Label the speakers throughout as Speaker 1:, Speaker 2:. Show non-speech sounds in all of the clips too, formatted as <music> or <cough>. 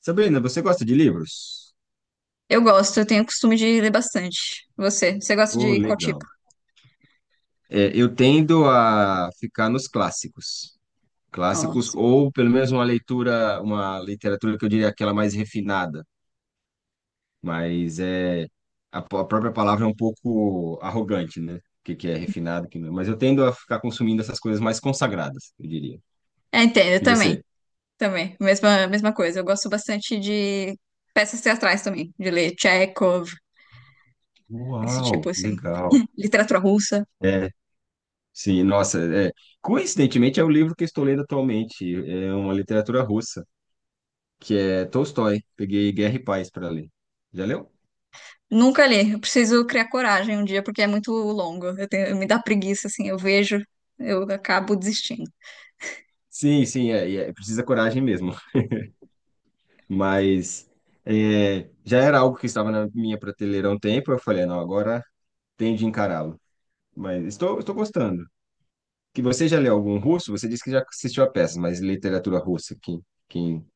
Speaker 1: Sabrina, você gosta de livros?
Speaker 2: Eu gosto, eu tenho o costume de ler bastante. Você, você gosta
Speaker 1: Oh,
Speaker 2: de qual tipo?
Speaker 1: legal. É, eu tendo a ficar nos clássicos. Clássicos,
Speaker 2: Nossa.
Speaker 1: ou pelo menos uma leitura, uma literatura que eu diria aquela mais refinada, mas é a própria palavra é um pouco arrogante, né? O que é refinado, o que não. é. Mas eu tendo a ficar consumindo essas coisas mais consagradas, eu diria.
Speaker 2: É, entendo, eu
Speaker 1: E
Speaker 2: também,
Speaker 1: você?
Speaker 2: também. Mesma coisa. Eu gosto bastante de peças teatrais também, de ler Chekhov, esse tipo
Speaker 1: Uau,
Speaker 2: assim,
Speaker 1: legal.
Speaker 2: literatura russa.
Speaker 1: É, sim, nossa, é. Coincidentemente é o livro que eu estou lendo atualmente, é uma literatura russa. Que é Tolstói. Peguei Guerra e Paz para ler. Já leu?
Speaker 2: Nunca li. Eu preciso criar coragem um dia porque é muito longo. Eu tenho, me dá preguiça assim, eu vejo, eu acabo desistindo.
Speaker 1: Sim, sim, é, e é, precisa coragem mesmo. <laughs> Mas é, já era algo que estava na minha prateleira há um tempo. Eu falei, não, agora tenho de encará-lo. Mas estou gostando. Que você já leu algum russo? Você disse que já assistiu a peça, mas literatura russa, quem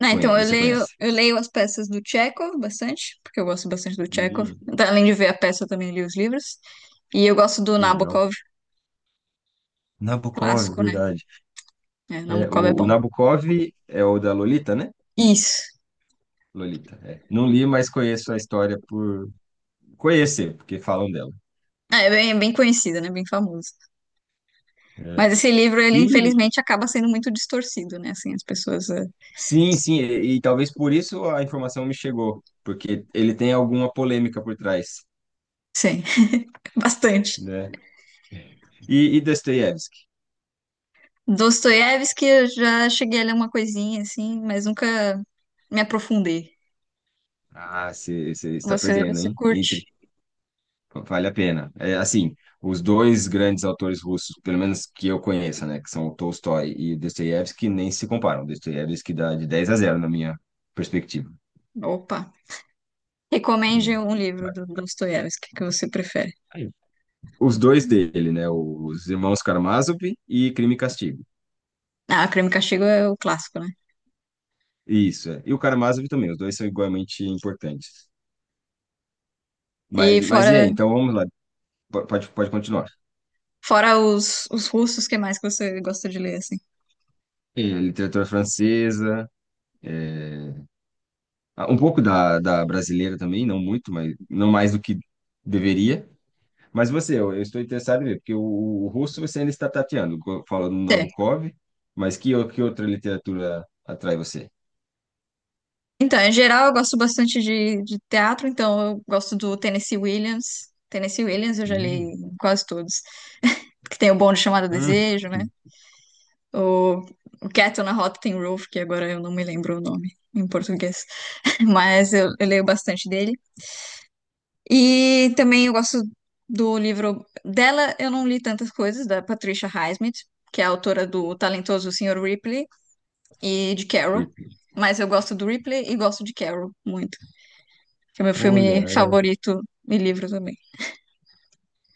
Speaker 2: Ah, então eu
Speaker 1: você
Speaker 2: leio,
Speaker 1: conhece?
Speaker 2: eu leio as peças do Chekhov bastante, porque eu gosto bastante do Chekhov.
Speaker 1: Uhum,
Speaker 2: Então, além de ver a peça, eu também li os livros. E eu gosto do
Speaker 1: que legal.
Speaker 2: Nabokov.
Speaker 1: Nabokov,
Speaker 2: Clássico, né?
Speaker 1: verdade.
Speaker 2: É,
Speaker 1: É,
Speaker 2: Nabucco é
Speaker 1: o
Speaker 2: bom.
Speaker 1: Nabokov é o da Lolita, né?
Speaker 2: Isso.
Speaker 1: Lolita, é. Não li, mas conheço a história por conhecer, porque falam dela.
Speaker 2: Ah, é bem, é bem conhecido, né? Bem famoso.
Speaker 1: É.
Speaker 2: Mas esse livro, ele
Speaker 1: E
Speaker 2: infelizmente acaba sendo muito distorcido, né? Assim, as pessoas.
Speaker 1: sim, sim, e talvez por isso a informação me chegou, porque ele tem alguma polêmica por trás,
Speaker 2: Sim, <laughs> bastante.
Speaker 1: né? E Dostoiévski?
Speaker 2: Dostoiévski, eu já cheguei a ler uma coisinha, assim, mas nunca me aprofundei.
Speaker 1: Ah, você está
Speaker 2: Você,
Speaker 1: perdendo,
Speaker 2: você
Speaker 1: hein?
Speaker 2: curte?
Speaker 1: Vale a pena. É, assim, os dois grandes autores russos, pelo menos que eu conheça, né, que são o Tolstói e o Dostoiévski, nem se comparam. Dostoiévski dá de 10 a zero na minha perspectiva.
Speaker 2: Opa.
Speaker 1: É.
Speaker 2: Recomende um livro
Speaker 1: Mas,
Speaker 2: do Dostoiévski que você prefere.
Speaker 1: aí, os dois dele, né? Os Irmãos Karamazov e Crime e Castigo.
Speaker 2: Ah, Crime e Castigo é o clássico, né?
Speaker 1: Isso, é. E o Karamazov também, os dois são igualmente importantes. Mas,
Speaker 2: E
Speaker 1: e aí?
Speaker 2: fora,
Speaker 1: Então vamos lá, pode continuar.
Speaker 2: fora os russos, que mais que você gosta de ler, assim?
Speaker 1: E literatura francesa, ah, um pouco da brasileira também, não muito, mas não mais do que deveria. Mas você, eu estou interessado em ver, porque o russo você ainda está tateando, falando no Nabokov, mas que, que outra literatura atrai você?
Speaker 2: Então, em geral, eu gosto bastante de teatro, então eu gosto do Tennessee Williams. Tennessee Williams eu já li
Speaker 1: Hum.
Speaker 2: quase todos. Que tem o Bonde Chamado
Speaker 1: Hum.
Speaker 2: Desejo, né? O, o Cat on a Hot Tin Roof, que agora eu não me lembro o nome em português. <laughs> Mas eu leio bastante dele. E também eu gosto do livro dela, eu não li tantas coisas, da Patricia Highsmith, que é a autora do talentoso senhor Ripley e de Carol. Mas eu gosto do Ripley e gosto de Carol muito. Que é meu filme
Speaker 1: Olha,
Speaker 2: favorito e livro também.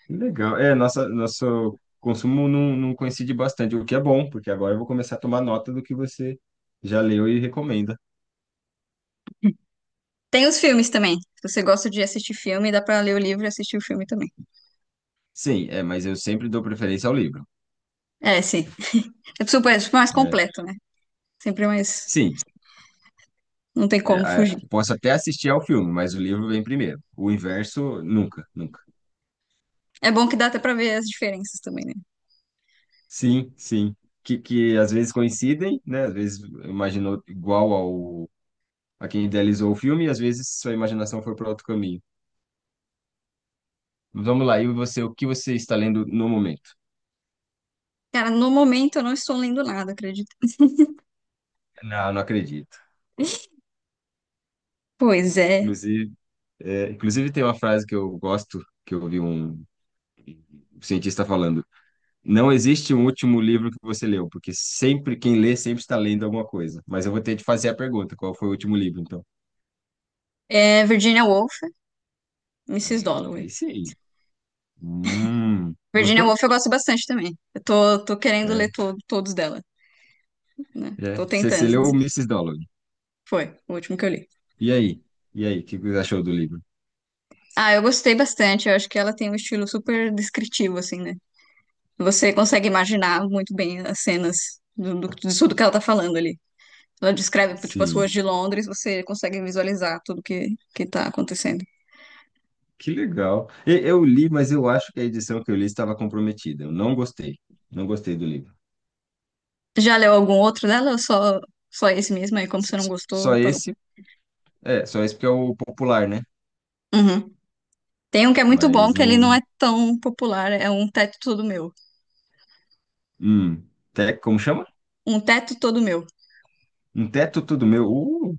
Speaker 1: legal. É, nossa, nosso consumo não coincide bastante, o que é bom, porque agora eu vou começar a tomar nota do que você já leu e recomenda.
Speaker 2: Tem os filmes também. Se você gosta de assistir filme, dá pra ler o livro e assistir o filme também.
Speaker 1: Sim, é, mas eu sempre dou preferência ao livro.
Speaker 2: É, sim. É super mais
Speaker 1: É,
Speaker 2: completo, né? Sempre mais.
Speaker 1: sim,
Speaker 2: Não tem
Speaker 1: é,
Speaker 2: como fugir.
Speaker 1: é, posso até assistir ao filme, mas o livro vem primeiro. O inverso, nunca, nunca.
Speaker 2: É bom que dá até pra ver as diferenças também, né?
Speaker 1: Sim, sim. Que às vezes coincidem, né? Às vezes imaginou igual ao a quem idealizou o filme, e às vezes sua imaginação foi para outro caminho. Vamos lá, e você, o que você está lendo no momento?
Speaker 2: Cara, no momento eu não estou lendo nada, acredito.
Speaker 1: Não, não acredito.
Speaker 2: Pois é.
Speaker 1: Inclusive, é, inclusive, tem uma frase que eu gosto, que eu ouvi um cientista falando: não existe um último livro que você leu, porque sempre quem lê sempre está lendo alguma coisa. Mas eu vou ter de fazer a pergunta: qual foi o último livro, então?
Speaker 2: É Virginia Woolf, Mrs.
Speaker 1: É, é
Speaker 2: Dalloway.
Speaker 1: isso aí.
Speaker 2: Virginia
Speaker 1: Gostou?
Speaker 2: Woolf eu gosto bastante também. Eu tô querendo
Speaker 1: É,
Speaker 2: ler to todos dela, né? Tô
Speaker 1: é. Você, você
Speaker 2: tentando,
Speaker 1: leu o
Speaker 2: mas
Speaker 1: Mrs. Dalloway.
Speaker 2: foi o último que eu li.
Speaker 1: E aí? E aí, o que você achou do livro?
Speaker 2: Ah, eu gostei bastante. Eu acho que ela tem um estilo super descritivo, assim, né? Você consegue imaginar muito bem as cenas de tudo que ela tá falando ali. Ela descreve, tipo, as ruas
Speaker 1: Sim,
Speaker 2: de Londres, você consegue visualizar tudo que tá acontecendo.
Speaker 1: que legal. Eu li, mas eu acho que a edição que eu li estava comprometida. Eu não gostei. Não gostei do livro.
Speaker 2: Já leu algum outro dela ou só, só esse mesmo aí? Como você não gostou,
Speaker 1: Só
Speaker 2: parou.
Speaker 1: esse? É, só esse porque é o popular, né?
Speaker 2: Uhum. Tem um que é muito bom,
Speaker 1: Mas
Speaker 2: que ele não
Speaker 1: não.
Speaker 2: é tão popular, é Um Teto Todo Meu.
Speaker 1: Hum, te, como chama?
Speaker 2: Um Teto Todo Meu.
Speaker 1: Um teto tudo meu.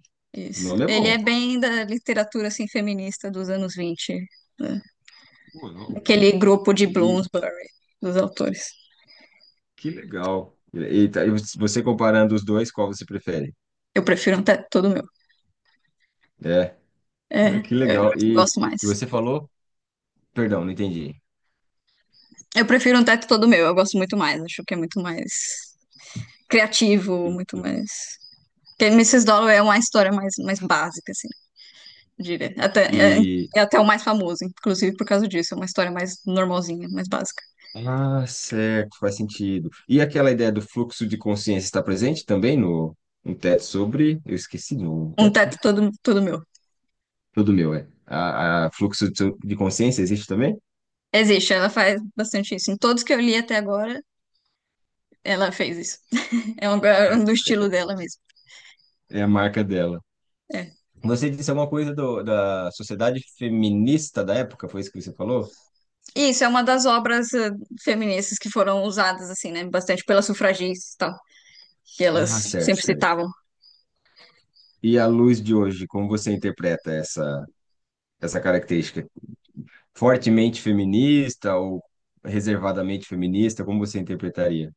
Speaker 1: O
Speaker 2: Isso.
Speaker 1: nome é
Speaker 2: Ele é
Speaker 1: bom.
Speaker 2: bem da literatura, assim, feminista dos anos 20, né?
Speaker 1: Não.
Speaker 2: Aquele grupo de
Speaker 1: E, e
Speaker 2: Bloomsbury, dos autores.
Speaker 1: que legal. E, e você comparando os dois, qual você prefere?
Speaker 2: Eu prefiro Um Teto Todo Meu.
Speaker 1: É, é,
Speaker 2: É,
Speaker 1: que legal. E,
Speaker 2: gosto mais.
Speaker 1: e você falou? Perdão, não entendi.
Speaker 2: Eu prefiro um teto todo meu, eu gosto muito mais, acho que é muito mais
Speaker 1: E,
Speaker 2: criativo, muito mais. Porque Mrs. Dollar é uma história mais, mais básica, assim, eu diria. Até, é,
Speaker 1: e-
Speaker 2: é até o mais famoso, inclusive por causa disso, é uma história mais normalzinha, mais básica.
Speaker 1: Ah, certo, faz sentido. E aquela ideia do fluxo de consciência está presente também no um teto sobre. Eu esqueci, no
Speaker 2: Um
Speaker 1: teto
Speaker 2: teto todo, todo meu.
Speaker 1: tudo meu, é. A fluxo de consciência existe também?
Speaker 2: Existe, ela faz bastante isso. Em todos que eu li até agora, ela fez isso. É um, é
Speaker 1: É.
Speaker 2: um do estilo dela mesmo.
Speaker 1: É a marca dela.
Speaker 2: É.
Speaker 1: Você disse alguma coisa da sociedade feminista da época, foi isso que você falou?
Speaker 2: E isso é uma das obras feministas que foram usadas, assim, né, bastante pelas sufragistas e tal, que
Speaker 1: Ah,
Speaker 2: elas
Speaker 1: certo,
Speaker 2: sempre
Speaker 1: certo.
Speaker 2: citavam.
Speaker 1: E à luz de hoje, como você interpreta essa característica? Fortemente feminista ou reservadamente feminista? Como você interpretaria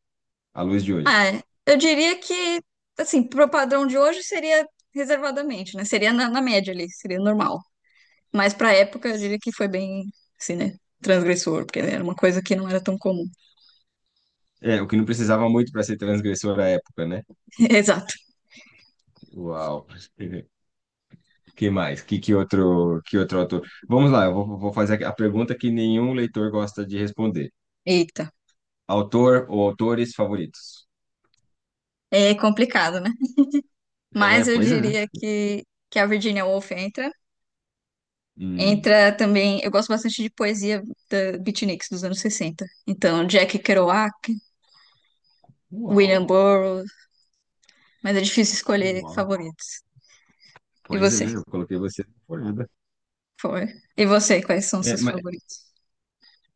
Speaker 1: à luz de
Speaker 2: Ah,
Speaker 1: hoje?
Speaker 2: eu diria que, assim, pro padrão de hoje seria reservadamente, né? Seria na, na média ali, seria normal. Mas pra época eu diria que foi bem, assim, né? Transgressor, porque era uma coisa que não era tão comum.
Speaker 1: É, o que não precisava muito para ser transgressor à época, né?
Speaker 2: <laughs> Exato.
Speaker 1: Uau. <laughs> Que mais? Que outro autor? Vamos lá, vou fazer a pergunta que nenhum leitor gosta de responder.
Speaker 2: Eita.
Speaker 1: Autor ou autores favoritos?
Speaker 2: É complicado, né?
Speaker 1: É,
Speaker 2: Mas eu
Speaker 1: pois é.
Speaker 2: diria que a Virginia Woolf entra.
Speaker 1: Hum,
Speaker 2: Entra também, eu gosto bastante de poesia da Beatniks dos anos 60. Então, Jack Kerouac, William
Speaker 1: uau,
Speaker 2: Burroughs, mas é difícil escolher
Speaker 1: uau.
Speaker 2: favoritos. E
Speaker 1: Pois é,
Speaker 2: você?
Speaker 1: eu coloquei você na folhada.
Speaker 2: Foi. E você, quais são os
Speaker 1: É,
Speaker 2: seus
Speaker 1: mas,
Speaker 2: favoritos?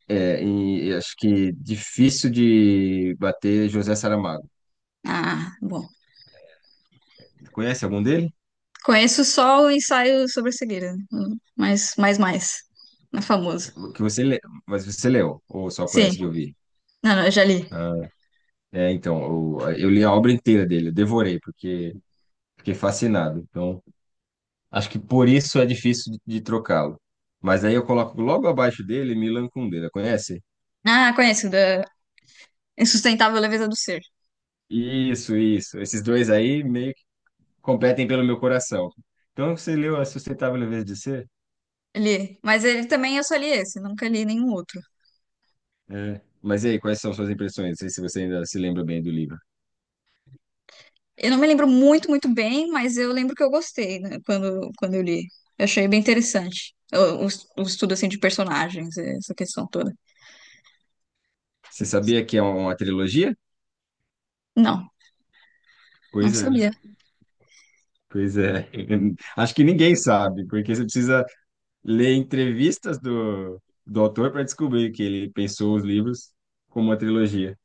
Speaker 1: é, e acho que difícil de bater José Saramago.
Speaker 2: Ah, bom.
Speaker 1: Conhece algum dele?
Speaker 2: Conheço só o ensaio sobre a cegueira, mas mais mais, na famoso.
Speaker 1: Que você lê, mas você leu, ou só
Speaker 2: Sim,
Speaker 1: conhece de ouvir?
Speaker 2: não, não, eu já li.
Speaker 1: Ah, é, então, eu li a obra inteira dele, eu devorei, porque fiquei fascinado. Então, acho que por isso é difícil de trocá-lo. Mas aí eu coloco logo abaixo dele Milan Kundera, conhece?
Speaker 2: Ah, conheço da Insustentável Leveza do Ser.
Speaker 1: Isso, isso. Esses dois aí, meio competem pelo meu coração. Então, você leu A Sustentável Leveza de Ser?
Speaker 2: Li, mas ele também eu só li esse, nunca li nenhum outro.
Speaker 1: É. Mas e aí, quais são suas impressões? Não sei se você ainda se lembra bem do livro.
Speaker 2: Eu não me lembro muito, muito bem, mas eu lembro que eu gostei, né, quando eu li. Eu achei bem interessante. O estudo assim de personagens, essa questão toda.
Speaker 1: Você sabia que é uma trilogia?
Speaker 2: Não, não
Speaker 1: Pois é.
Speaker 2: sabia.
Speaker 1: Pois é. <laughs> Acho que ninguém sabe, porque você precisa ler entrevistas do autor para descobrir que ele pensou os livros como uma trilogia.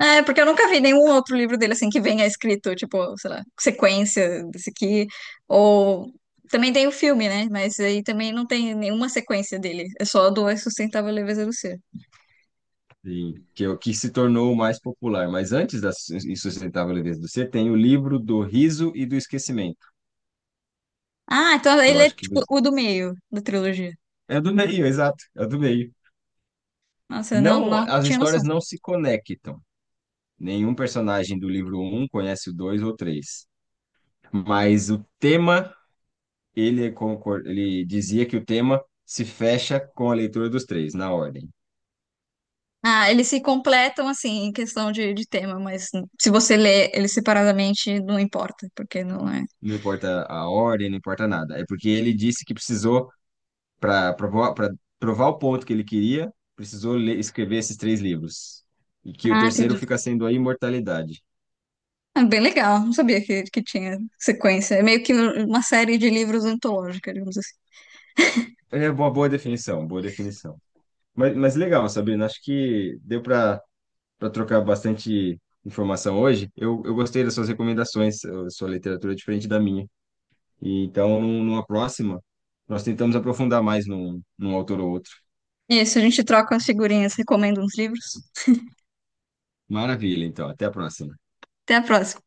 Speaker 2: É, porque eu nunca vi nenhum outro livro dele assim que venha escrito, tipo, sei lá, sequência desse aqui. Ou também tem o filme, né? Mas aí também não tem nenhuma sequência dele. É só do A Sustentável Leveza do Ser.
Speaker 1: E que é o que se tornou o mais popular. Mas antes da Insustentável Leveza do Ser, tem o livro do Riso e do Esquecimento,
Speaker 2: Ah, então
Speaker 1: que eu
Speaker 2: ele é
Speaker 1: acho que
Speaker 2: tipo o do meio da trilogia.
Speaker 1: é do meio, exato, é do meio.
Speaker 2: Nossa, eu não,
Speaker 1: Não,
Speaker 2: não
Speaker 1: as
Speaker 2: tinha noção.
Speaker 1: histórias não se conectam. Nenhum personagem do livro um conhece o 2 ou 3. Mas o tema, ele, é ele dizia que o tema se fecha com a leitura dos três, na ordem.
Speaker 2: Ah, eles se completam assim em questão de tema, mas se você lê eles separadamente, não importa, porque não é.
Speaker 1: Não importa a ordem, não importa nada. É porque ele disse que precisou, para provar o ponto que ele queria, precisou escrever esses três livros. E que o
Speaker 2: Ah,
Speaker 1: terceiro
Speaker 2: entendi.
Speaker 1: fica sendo a imortalidade.
Speaker 2: Ah, bem legal. Não sabia que tinha sequência. É meio que uma série de livros antológica, digamos assim.
Speaker 1: É uma boa definição, boa definição. Mas, legal, Sabrina, acho que deu para trocar bastante informação hoje. Eu gostei das suas recomendações, a sua literatura é diferente da minha. E então, numa próxima, nós tentamos aprofundar mais num, num autor ou outro.
Speaker 2: Isso, a gente troca umas figurinhas, recomenda uns livros.
Speaker 1: Maravilha, então. Até a próxima.
Speaker 2: Até a próxima.